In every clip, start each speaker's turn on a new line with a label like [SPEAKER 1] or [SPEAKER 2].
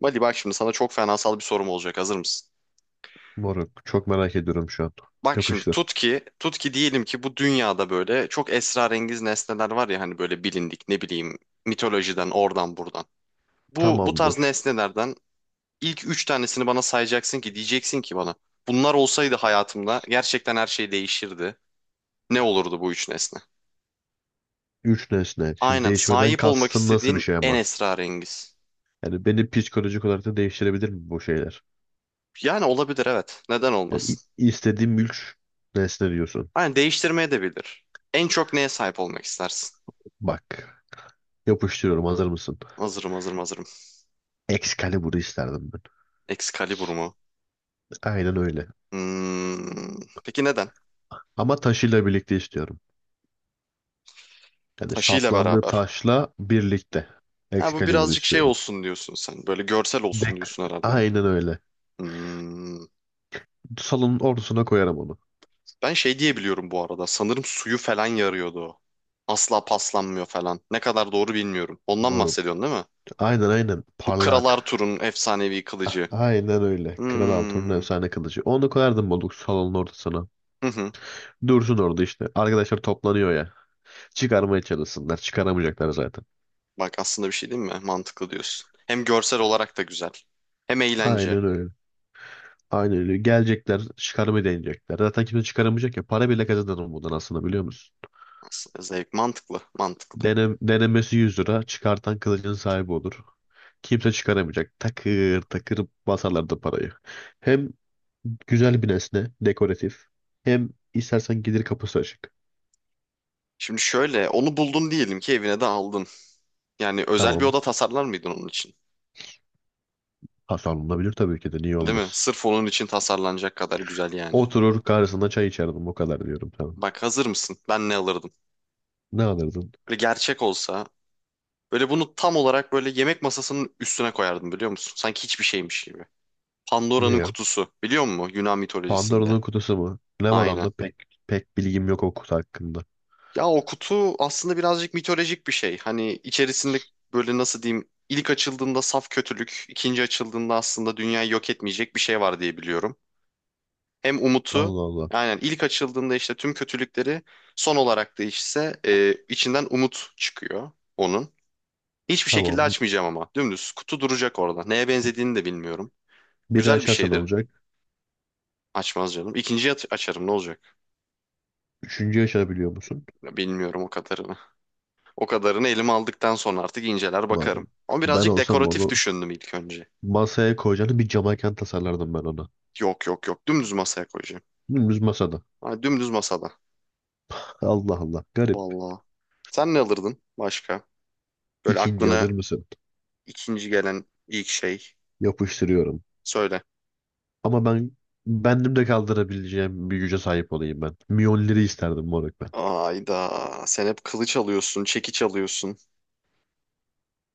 [SPEAKER 1] Mali bak şimdi sana çok fenasal bir sorum olacak. Hazır mısın?
[SPEAKER 2] Moruk, çok merak ediyorum şu an.
[SPEAKER 1] Bak şimdi
[SPEAKER 2] Yapıştır.
[SPEAKER 1] tut ki, diyelim ki bu dünyada böyle çok esrarengiz nesneler var ya hani böyle bilindik ne bileyim mitolojiden oradan buradan. Bu tarz
[SPEAKER 2] Tamamdır.
[SPEAKER 1] nesnelerden ilk üç tanesini bana sayacaksın ki diyeceksin ki bana bunlar olsaydı hayatımda gerçekten her şey değişirdi. Ne olurdu bu üç nesne?
[SPEAKER 2] Üç nesne. Şimdi
[SPEAKER 1] Aynen,
[SPEAKER 2] değişmeden
[SPEAKER 1] sahip olmak
[SPEAKER 2] kastın nasıl bir
[SPEAKER 1] istediğin
[SPEAKER 2] şey
[SPEAKER 1] en
[SPEAKER 2] ama?
[SPEAKER 1] esrarengiz.
[SPEAKER 2] Yani beni psikolojik olarak da değiştirebilir mi bu şeyler?
[SPEAKER 1] Yani olabilir, evet. Neden
[SPEAKER 2] Yani
[SPEAKER 1] olmasın?
[SPEAKER 2] i- istediğim üç nesne diyorsun.
[SPEAKER 1] Aynen, değiştirmeye de bilir. En çok neye sahip olmak istersin?
[SPEAKER 2] Bak. Yapıştırıyorum. Hazır mısın?
[SPEAKER 1] Hazırım, hazırım, hazırım.
[SPEAKER 2] Excalibur'u isterdim ben.
[SPEAKER 1] Excalibur mu?
[SPEAKER 2] Aynen öyle.
[SPEAKER 1] Hmm. Peki neden?
[SPEAKER 2] Ama taşıyla birlikte istiyorum. Yani
[SPEAKER 1] Taşıyla
[SPEAKER 2] saplandığı
[SPEAKER 1] beraber.
[SPEAKER 2] taşla birlikte.
[SPEAKER 1] Ha, bu
[SPEAKER 2] Excalibur'u
[SPEAKER 1] birazcık şey
[SPEAKER 2] istiyorum.
[SPEAKER 1] olsun diyorsun sen. Böyle görsel olsun
[SPEAKER 2] Dek.
[SPEAKER 1] diyorsun herhalde.
[SPEAKER 2] Aynen öyle.
[SPEAKER 1] Hmm.
[SPEAKER 2] Salonun ortasına koyarım onu.
[SPEAKER 1] Ben şey diyebiliyorum bu arada. Sanırım suyu falan yarıyordu o. Asla paslanmıyor falan. Ne kadar doğru bilmiyorum. Ondan
[SPEAKER 2] Moruk.
[SPEAKER 1] bahsediyorsun değil mi?
[SPEAKER 2] Aynen aynen.
[SPEAKER 1] Bu Kral
[SPEAKER 2] Parlak.
[SPEAKER 1] Arthur'un efsanevi
[SPEAKER 2] Ah,
[SPEAKER 1] kılıcı.
[SPEAKER 2] aynen öyle. Kral Altun'un
[SPEAKER 1] Hmm.
[SPEAKER 2] efsane kılıcı. Onu koyardım Moluk salonun ortasına.
[SPEAKER 1] Hı hı.
[SPEAKER 2] Dursun orada işte. Arkadaşlar toplanıyor ya. Çıkarmaya çalışsınlar. Çıkaramayacaklar zaten.
[SPEAKER 1] Bak aslında bir şey değil mi? Mantıklı diyorsun. Hem görsel olarak da güzel. Hem eğlence.
[SPEAKER 2] Aynen öyle. Aynen öyle. Gelecekler, çıkarmayı deneyecekler. Zaten kimse çıkaramayacak ya. Para bile kazanır bundan aslında, biliyor musun?
[SPEAKER 1] Aslında zevk, mantıklı, mantıklı.
[SPEAKER 2] Denemesi 100 lira. Çıkartan kılıcın sahibi olur. Kimse çıkaramayacak. Takır takır basarlar da parayı. Hem güzel bir nesne. Dekoratif. Hem istersen gelir kapısı açık.
[SPEAKER 1] Şimdi şöyle onu buldun diyelim ki evine de aldın. Yani özel bir
[SPEAKER 2] Tamam.
[SPEAKER 1] oda tasarlar mıydın onun için?
[SPEAKER 2] Hasan olabilir tabii ki de, niye
[SPEAKER 1] Değil mi?
[SPEAKER 2] olmasın.
[SPEAKER 1] Sırf onun için tasarlanacak kadar güzel yani.
[SPEAKER 2] Oturur karşısında çay içerdim, o kadar diyorum, tamam.
[SPEAKER 1] Bak hazır mısın? Ben ne alırdım?
[SPEAKER 2] Ne alırdın?
[SPEAKER 1] Böyle gerçek olsa böyle bunu tam olarak böyle yemek masasının üstüne koyardım biliyor musun? Sanki hiçbir şeymiş gibi.
[SPEAKER 2] Ne
[SPEAKER 1] Pandora'nın
[SPEAKER 2] ya?
[SPEAKER 1] kutusu, biliyor musun? Yunan mitolojisinde.
[SPEAKER 2] Pandora'nın kutusu mu? Ne var
[SPEAKER 1] Aynen.
[SPEAKER 2] onda? Pek bilgim yok o kutu hakkında.
[SPEAKER 1] Ya o kutu aslında birazcık mitolojik bir şey. Hani içerisinde böyle nasıl diyeyim, ilk açıldığında saf kötülük, ikinci açıldığında aslında dünyayı yok etmeyecek bir şey var diye biliyorum. Hem umutu,
[SPEAKER 2] Allah Allah.
[SPEAKER 1] aynen, ilk açıldığında işte tüm kötülükleri, son olarak değişse içinden umut çıkıyor onun. Hiçbir şekilde
[SPEAKER 2] Tamam.
[SPEAKER 1] açmayacağım ama dümdüz kutu duracak orada. Neye benzediğini de bilmiyorum.
[SPEAKER 2] Biri
[SPEAKER 1] Güzel bir
[SPEAKER 2] açarsan
[SPEAKER 1] şeydir,
[SPEAKER 2] olacak.
[SPEAKER 1] açmaz canım. İkinciyi açarım ne olacak?
[SPEAKER 2] Üçüncü açabiliyor musun?
[SPEAKER 1] Ya bilmiyorum o kadarını. O kadarını elime aldıktan sonra artık inceler bakarım.
[SPEAKER 2] Umarım.
[SPEAKER 1] Ama
[SPEAKER 2] Ben
[SPEAKER 1] birazcık
[SPEAKER 2] olsam
[SPEAKER 1] dekoratif
[SPEAKER 2] onu
[SPEAKER 1] düşündüm ilk önce.
[SPEAKER 2] masaya koyacağını bir camaken tasarlardım ben ona.
[SPEAKER 1] Yok, yok, yok, dümdüz masaya koyacağım.
[SPEAKER 2] Dümdüz masada.
[SPEAKER 1] Ha, dümdüz masada.
[SPEAKER 2] Allah Allah. Garip.
[SPEAKER 1] Vallahi. Sen ne alırdın başka? Böyle
[SPEAKER 2] İkinci,
[SPEAKER 1] aklına
[SPEAKER 2] hazır mısın?
[SPEAKER 1] ikinci gelen ilk şey.
[SPEAKER 2] Yapıştırıyorum.
[SPEAKER 1] Söyle.
[SPEAKER 2] Ama bendim de kaldırabileceğim bir güce sahip olayım ben. Miyonları isterdim moruk ben.
[SPEAKER 1] Ayda. Sen hep kılıç alıyorsun, çekiç alıyorsun.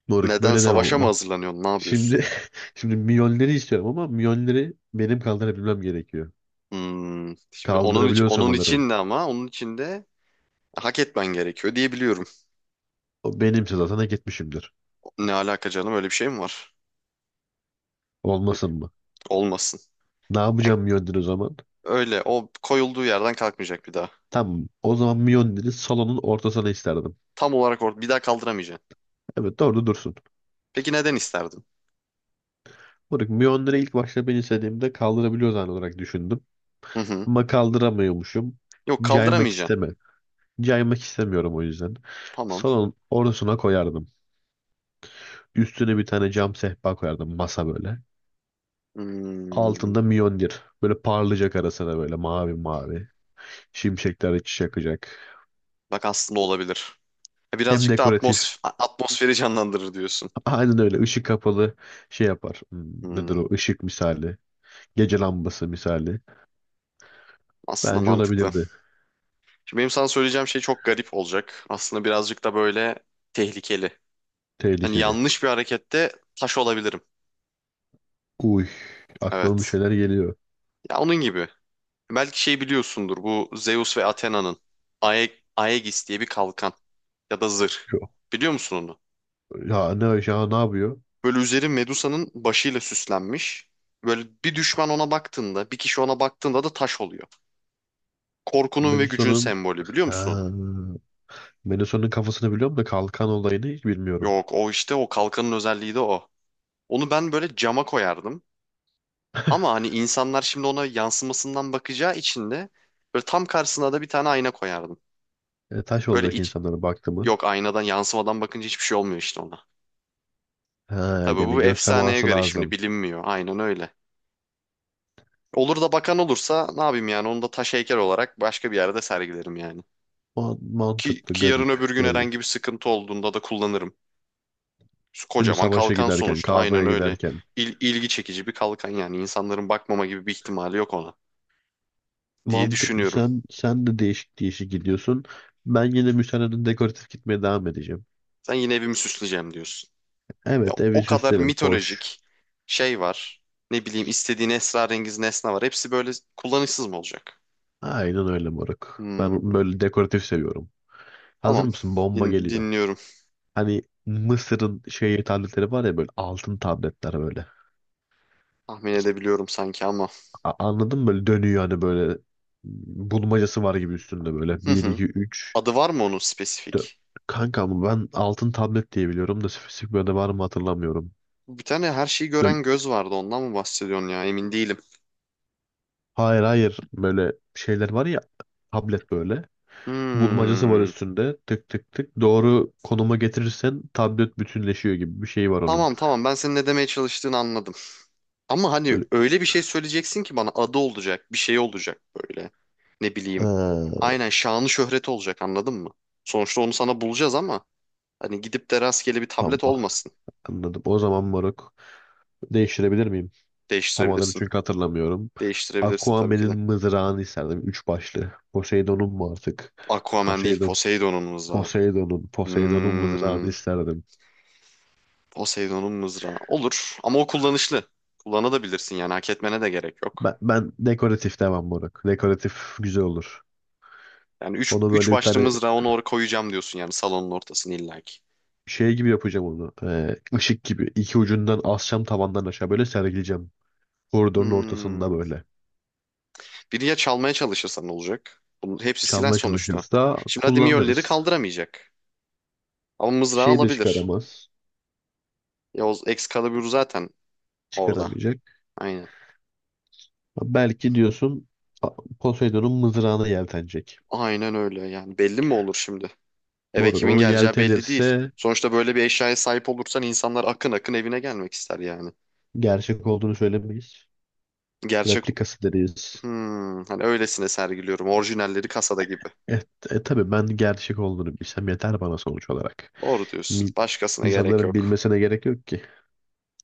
[SPEAKER 2] Moruk,
[SPEAKER 1] Neden,
[SPEAKER 2] böyle devam
[SPEAKER 1] savaşa mı
[SPEAKER 2] ama.
[SPEAKER 1] hazırlanıyorsun? Ne yapıyorsun?
[SPEAKER 2] Şimdi şimdi milyonları istiyorum ama milyonları benim kaldırabilmem gerekiyor.
[SPEAKER 1] Hmm. Şimdi
[SPEAKER 2] Kaldırabiliyorsam alırım.
[SPEAKER 1] onun için de hak etmen gerekiyor diye biliyorum.
[SPEAKER 2] O benimse zaten hak etmişimdir.
[SPEAKER 1] Ne alaka canım, öyle bir şey mi var? Öyle.
[SPEAKER 2] Olmasın mı?
[SPEAKER 1] Olmasın.
[SPEAKER 2] Ne
[SPEAKER 1] Yani
[SPEAKER 2] yapacağım milyonları o zaman?
[SPEAKER 1] öyle o koyulduğu yerden kalkmayacak bir daha.
[SPEAKER 2] Tamam. O zaman milyonları salonun ortasına isterdim.
[SPEAKER 1] Tam olarak or bir daha kaldıramayacaksın.
[SPEAKER 2] Evet, orada dursun.
[SPEAKER 1] Peki neden isterdin?
[SPEAKER 2] Moruk, milyonları ilk başta ben istediğimde kaldırabiliyor zan olarak düşündüm.
[SPEAKER 1] Hı hı.
[SPEAKER 2] Ama kaldıramıyormuşum.
[SPEAKER 1] Yok,
[SPEAKER 2] Caymak
[SPEAKER 1] kaldıramayacaksın.
[SPEAKER 2] isteme. Caymak istemiyorum o yüzden.
[SPEAKER 1] Tamam.
[SPEAKER 2] Salonun ortasına koyardım. Üstüne bir tane cam sehpa koyardım, masa böyle.
[SPEAKER 1] Hmm.
[SPEAKER 2] Altında Mjolnir. Böyle parlayacak arasına böyle, mavi mavi. Şimşekler içi yakacak.
[SPEAKER 1] Bak aslında olabilir.
[SPEAKER 2] Hem
[SPEAKER 1] Birazcık da
[SPEAKER 2] dekoratif.
[SPEAKER 1] atmosferi canlandırır diyorsun.
[SPEAKER 2] Aynen öyle. Işık kapalı şey yapar. Hmm, nedir
[SPEAKER 1] Hmm.
[SPEAKER 2] o? Işık misali. Gece lambası misali.
[SPEAKER 1] Aslında
[SPEAKER 2] Bence
[SPEAKER 1] mantıklı.
[SPEAKER 2] olabilirdi.
[SPEAKER 1] Şimdi benim sana söyleyeceğim şey çok garip olacak. Aslında birazcık da böyle tehlikeli. Hani
[SPEAKER 2] Tehlikeli.
[SPEAKER 1] yanlış bir harekette taş olabilirim.
[SPEAKER 2] Uy. Aklıma bir
[SPEAKER 1] Evet.
[SPEAKER 2] şeyler geliyor.
[SPEAKER 1] Ya onun gibi. Belki şey biliyorsundur, bu Zeus ve Athena'nın Ae Aegis diye bir kalkan ya da zırh.
[SPEAKER 2] Yok.
[SPEAKER 1] Biliyor musun onu?
[SPEAKER 2] Ya ne yapıyor?
[SPEAKER 1] Böyle üzeri Medusa'nın başıyla süslenmiş. Böyle bir düşman ona baktığında, bir kişi ona baktığında da taş oluyor. Korkunun ve gücün
[SPEAKER 2] Melison'un.
[SPEAKER 1] sembolü, biliyor musun onu?
[SPEAKER 2] Ha, Melisa'nın kafasını biliyorum da kalkan olayını hiç bilmiyorum.
[SPEAKER 1] Yok, o işte o kalkanın özelliği de o. Onu ben böyle cama koyardım. Ama hani insanlar şimdi ona yansımasından bakacağı için de böyle tam karşısına da bir tane ayna koyardım.
[SPEAKER 2] Taş
[SPEAKER 1] Böyle
[SPEAKER 2] olacak insanlara baktı mı?
[SPEAKER 1] yok, aynadan yansımadan bakınca hiçbir şey olmuyor işte ona.
[SPEAKER 2] Ha,
[SPEAKER 1] Tabii
[SPEAKER 2] yani
[SPEAKER 1] bu
[SPEAKER 2] göz
[SPEAKER 1] efsaneye
[SPEAKER 2] teması
[SPEAKER 1] göre şimdi
[SPEAKER 2] lazım.
[SPEAKER 1] bilinmiyor. Aynen öyle. Olur da bakan olursa ne yapayım, yani onu da taş heykel olarak başka bir yerde sergilerim yani. Ki,
[SPEAKER 2] Mantıklı,
[SPEAKER 1] ki yarın
[SPEAKER 2] garip,
[SPEAKER 1] öbür gün
[SPEAKER 2] garip.
[SPEAKER 1] herhangi bir sıkıntı olduğunda da kullanırım.
[SPEAKER 2] Değil mi?
[SPEAKER 1] Kocaman
[SPEAKER 2] Savaşa
[SPEAKER 1] kalkan
[SPEAKER 2] giderken,
[SPEAKER 1] sonuçta, aynen
[SPEAKER 2] kavgaya
[SPEAKER 1] öyle.
[SPEAKER 2] giderken.
[SPEAKER 1] İlgi çekici bir kalkan, yani insanların bakmama gibi bir ihtimali yok ona diye
[SPEAKER 2] Mantıklı.
[SPEAKER 1] düşünüyorum.
[SPEAKER 2] Sen de değişik değişik gidiyorsun. Ben yine müsaadenle dekoratif gitmeye devam edeceğim.
[SPEAKER 1] Sen yine evimi süsleyeceğim diyorsun. Ya
[SPEAKER 2] Evet, evi
[SPEAKER 1] o kadar
[SPEAKER 2] süslerim. Hoş.
[SPEAKER 1] mitolojik şey var. Ne bileyim, istediğin esrarengiz nesne var. Hepsi böyle kullanışsız mı olacak?
[SPEAKER 2] Aynen öyle moruk.
[SPEAKER 1] Hmm,
[SPEAKER 2] Ben böyle dekoratif seviyorum. Hazır
[SPEAKER 1] tamam.
[SPEAKER 2] mısın? Bomba geliyor.
[SPEAKER 1] Dinliyorum.
[SPEAKER 2] Hani Mısır'ın şey tabletleri var ya, böyle altın tabletler böyle.
[SPEAKER 1] Tahmin edebiliyorum sanki ama.
[SPEAKER 2] Anladın mı? Böyle dönüyor hani, böyle bulmacası var gibi üstünde böyle.
[SPEAKER 1] Hı
[SPEAKER 2] Bir
[SPEAKER 1] hı.
[SPEAKER 2] 2 üç.
[SPEAKER 1] Adı var mı onun
[SPEAKER 2] Dö-
[SPEAKER 1] spesifik?
[SPEAKER 2] Kanka, ama ben altın tablet diye biliyorum da spesifik böyle var mı hatırlamıyorum.
[SPEAKER 1] Bir tane her şeyi
[SPEAKER 2] Böyle,
[SPEAKER 1] gören göz vardı. Ondan mı bahsediyorsun ya? Emin değilim.
[SPEAKER 2] hayır böyle şeyler var ya, tablet böyle. Bulmacası var
[SPEAKER 1] Hmm.
[SPEAKER 2] üstünde, tık tık tık. Doğru konuma getirirsen tablet bütünleşiyor gibi bir şey var onun.
[SPEAKER 1] Tamam, tamam, ben senin ne demeye çalıştığını anladım. Ama hani
[SPEAKER 2] Böyle.
[SPEAKER 1] öyle bir şey söyleyeceksin ki bana, adı olacak, bir şey olacak böyle. Ne bileyim.
[SPEAKER 2] Ee,
[SPEAKER 1] Aynen, şanı şöhreti olacak, anladın mı? Sonuçta onu sana bulacağız ama hani gidip de rastgele bir
[SPEAKER 2] tamam,
[SPEAKER 1] tablet
[SPEAKER 2] ah,
[SPEAKER 1] olmasın.
[SPEAKER 2] anladım. O zaman moruk, değiştirebilir miyim? Tam adını
[SPEAKER 1] Değiştirebilirsin.
[SPEAKER 2] çünkü hatırlamıyorum.
[SPEAKER 1] Değiştirebilirsin tabii ki de.
[SPEAKER 2] Aquaman'in mızrağını isterdim. Üç başlı. Poseidon'un mu artık?
[SPEAKER 1] Aquaman değil,
[SPEAKER 2] Poseidon.
[SPEAKER 1] Poseidon'un mızrağı.
[SPEAKER 2] Poseidon'un. Poseidon'un
[SPEAKER 1] Hmm.
[SPEAKER 2] mızrağını isterdim.
[SPEAKER 1] Poseidon'un mızrağı. Olur, ama o kullanışlı. Kullanabilirsin yani, hak etmene de gerek yok.
[SPEAKER 2] Ben dekoratif devam moruk. Dekoratif güzel olur.
[SPEAKER 1] Yani üç,
[SPEAKER 2] Onu
[SPEAKER 1] üç
[SPEAKER 2] böyle bir
[SPEAKER 1] başlı
[SPEAKER 2] tane
[SPEAKER 1] mızrağı, onu oraya koyacağım diyorsun yani, salonun ortasını illaki.
[SPEAKER 2] şey gibi yapacağım onu. Işık gibi. İki ucundan asacağım tavandan aşağı, böyle sergileyeceğim. Koridorun ortasında
[SPEAKER 1] Hmm.
[SPEAKER 2] böyle.
[SPEAKER 1] Biri ya çalmaya çalışırsan ne olacak? Bunun hepsi silah
[SPEAKER 2] Çalmaya
[SPEAKER 1] sonuçta.
[SPEAKER 2] çalışırsa
[SPEAKER 1] Şimdi hadi Mjolnir'i
[SPEAKER 2] kullanırız.
[SPEAKER 1] kaldıramayacak. Ama mızrağı
[SPEAKER 2] Şeyi de
[SPEAKER 1] alabilir.
[SPEAKER 2] çıkaramaz.
[SPEAKER 1] Ya o Excalibur zaten orada.
[SPEAKER 2] Çıkaramayacak.
[SPEAKER 1] Aynen.
[SPEAKER 2] Belki diyorsun, a- Poseidon'un mızrağına yeltenecek.
[SPEAKER 1] Aynen öyle, yani belli mi olur şimdi? Eve
[SPEAKER 2] Moruk,
[SPEAKER 1] kimin
[SPEAKER 2] onu
[SPEAKER 1] geleceği belli değil.
[SPEAKER 2] yeltenirse
[SPEAKER 1] Sonuçta böyle bir eşyaya sahip olursan insanlar akın akın evine gelmek ister yani.
[SPEAKER 2] gerçek olduğunu söylemeyiz.
[SPEAKER 1] Gerçek,
[SPEAKER 2] Replikası deriz.
[SPEAKER 1] hmm, hani öylesine sergiliyorum. Orijinalleri kasada gibi.
[SPEAKER 2] E, e, tabii ben gerçek olduğunu bilsem yeter bana sonuç olarak.
[SPEAKER 1] Doğru diyorsun.
[SPEAKER 2] Mil-
[SPEAKER 1] Başkasına gerek
[SPEAKER 2] insanların
[SPEAKER 1] yok.
[SPEAKER 2] bilmesine gerek yok ki.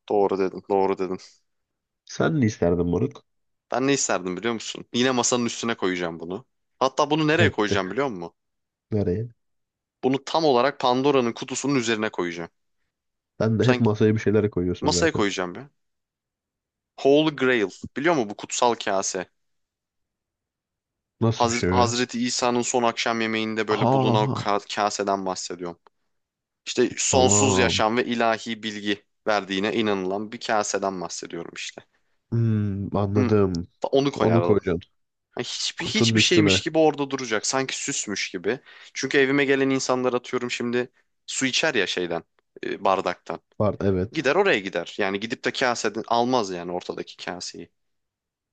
[SPEAKER 1] Doğru dedin, doğru dedin.
[SPEAKER 2] Sen ne isterdin moruk?
[SPEAKER 1] Ben ne isterdim, biliyor musun? Yine masanın üstüne koyacağım bunu. Hatta bunu nereye
[SPEAKER 2] Hep de.
[SPEAKER 1] koyacağım, biliyor musun?
[SPEAKER 2] Nereye?
[SPEAKER 1] Bunu tam olarak Pandora'nın kutusunun üzerine koyacağım.
[SPEAKER 2] Sen de hep
[SPEAKER 1] Sanki
[SPEAKER 2] masaya bir şeyler koyuyorsun
[SPEAKER 1] masaya
[SPEAKER 2] zaten.
[SPEAKER 1] koyacağım ya. Holy Grail. Biliyor musun, bu kutsal kase?
[SPEAKER 2] Nasıl bir şey o ya?
[SPEAKER 1] Hazreti İsa'nın son akşam yemeğinde böyle bulunan o
[SPEAKER 2] Ha,
[SPEAKER 1] kaseden bahsediyorum. İşte sonsuz
[SPEAKER 2] tamam.
[SPEAKER 1] yaşam ve ilahi bilgi verdiğine inanılan bir kaseden bahsediyorum işte.
[SPEAKER 2] Hmm,
[SPEAKER 1] Hı,
[SPEAKER 2] anladım.
[SPEAKER 1] onu
[SPEAKER 2] Onu
[SPEAKER 1] koyardım.
[SPEAKER 2] koyacaksın.
[SPEAKER 1] Yani hiçbir
[SPEAKER 2] Kutunun
[SPEAKER 1] hiçbir şeymiş
[SPEAKER 2] üstüne.
[SPEAKER 1] gibi orada duracak. Sanki süsmüş gibi. Çünkü evime gelen insanlar, atıyorum şimdi, su içer ya şeyden, bardaktan.
[SPEAKER 2] Var, evet.
[SPEAKER 1] Gider oraya gider. Yani gidip de kaseden almaz yani, ortadaki kaseyi.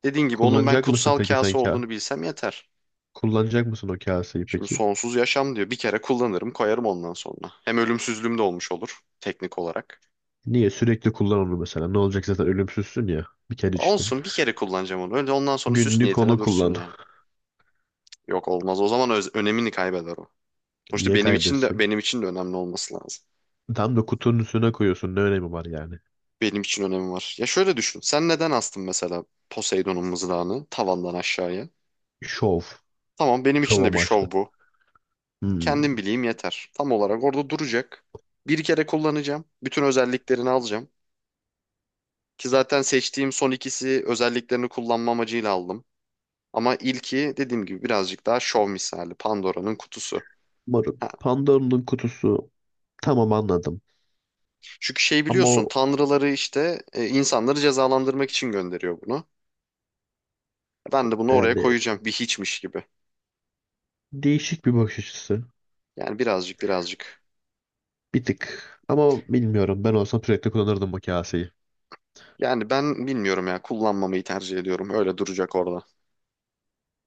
[SPEAKER 1] Dediğin gibi, onun ben
[SPEAKER 2] Kullanacak mısın
[SPEAKER 1] kutsal
[SPEAKER 2] peki sen
[SPEAKER 1] kase
[SPEAKER 2] ka?
[SPEAKER 1] olduğunu bilsem yeter.
[SPEAKER 2] Kullanacak mısın o kaseyi
[SPEAKER 1] Şimdi
[SPEAKER 2] peki?
[SPEAKER 1] sonsuz yaşam diyor. Bir kere kullanırım, koyarım ondan sonra. Hem ölümsüzlüğüm de olmuş olur teknik olarak.
[SPEAKER 2] Niye? Sürekli kullan onu mesela. Ne olacak, zaten ölümsüzsün ya. Bir kere içtin.
[SPEAKER 1] Olsun, bir kere kullanacağım onu. Öyle ondan sonra süs
[SPEAKER 2] Günlük
[SPEAKER 1] niyetine
[SPEAKER 2] onu
[SPEAKER 1] dursun
[SPEAKER 2] kullan.
[SPEAKER 1] yani. Yok, olmaz. O zaman önemini kaybeder o. Sonuçta
[SPEAKER 2] Niye
[SPEAKER 1] benim için de
[SPEAKER 2] kaybetsin?
[SPEAKER 1] benim için de önemli olması lazım.
[SPEAKER 2] Tam da kutunun üstüne koyuyorsun. Ne önemi var yani?
[SPEAKER 1] Benim için önemi var. Ya şöyle düşün. Sen neden astın mesela Poseidon'un mızrağını tavandan aşağıya?
[SPEAKER 2] Şov.
[SPEAKER 1] Tamam, benim
[SPEAKER 2] Şov
[SPEAKER 1] için de bir
[SPEAKER 2] amaçlı.
[SPEAKER 1] şov bu.
[SPEAKER 2] Hmm,
[SPEAKER 1] Kendim bileyim yeter. Tam olarak orada duracak. Bir kere kullanacağım. Bütün özelliklerini alacağım. Ki zaten seçtiğim son ikisi özelliklerini kullanma amacıyla aldım. Ama ilki dediğim gibi birazcık daha şov misali. Pandora'nın kutusu.
[SPEAKER 2] marul.
[SPEAKER 1] Ha.
[SPEAKER 2] Pandora'nın kutusu, tamam, anladım.
[SPEAKER 1] Çünkü şey
[SPEAKER 2] Ama
[SPEAKER 1] biliyorsun,
[SPEAKER 2] o
[SPEAKER 1] tanrıları işte insanları cezalandırmak için gönderiyor bunu. Ben de bunu oraya
[SPEAKER 2] yani,
[SPEAKER 1] koyacağım bir hiçmiş gibi.
[SPEAKER 2] değişik bir bakış açısı.
[SPEAKER 1] Yani birazcık, birazcık.
[SPEAKER 2] Bir tık. Ama bilmiyorum, ben olsam sürekli kullanırdım bu kaseyi.
[SPEAKER 1] Yani ben bilmiyorum ya, kullanmamayı tercih ediyorum. Öyle duracak orada.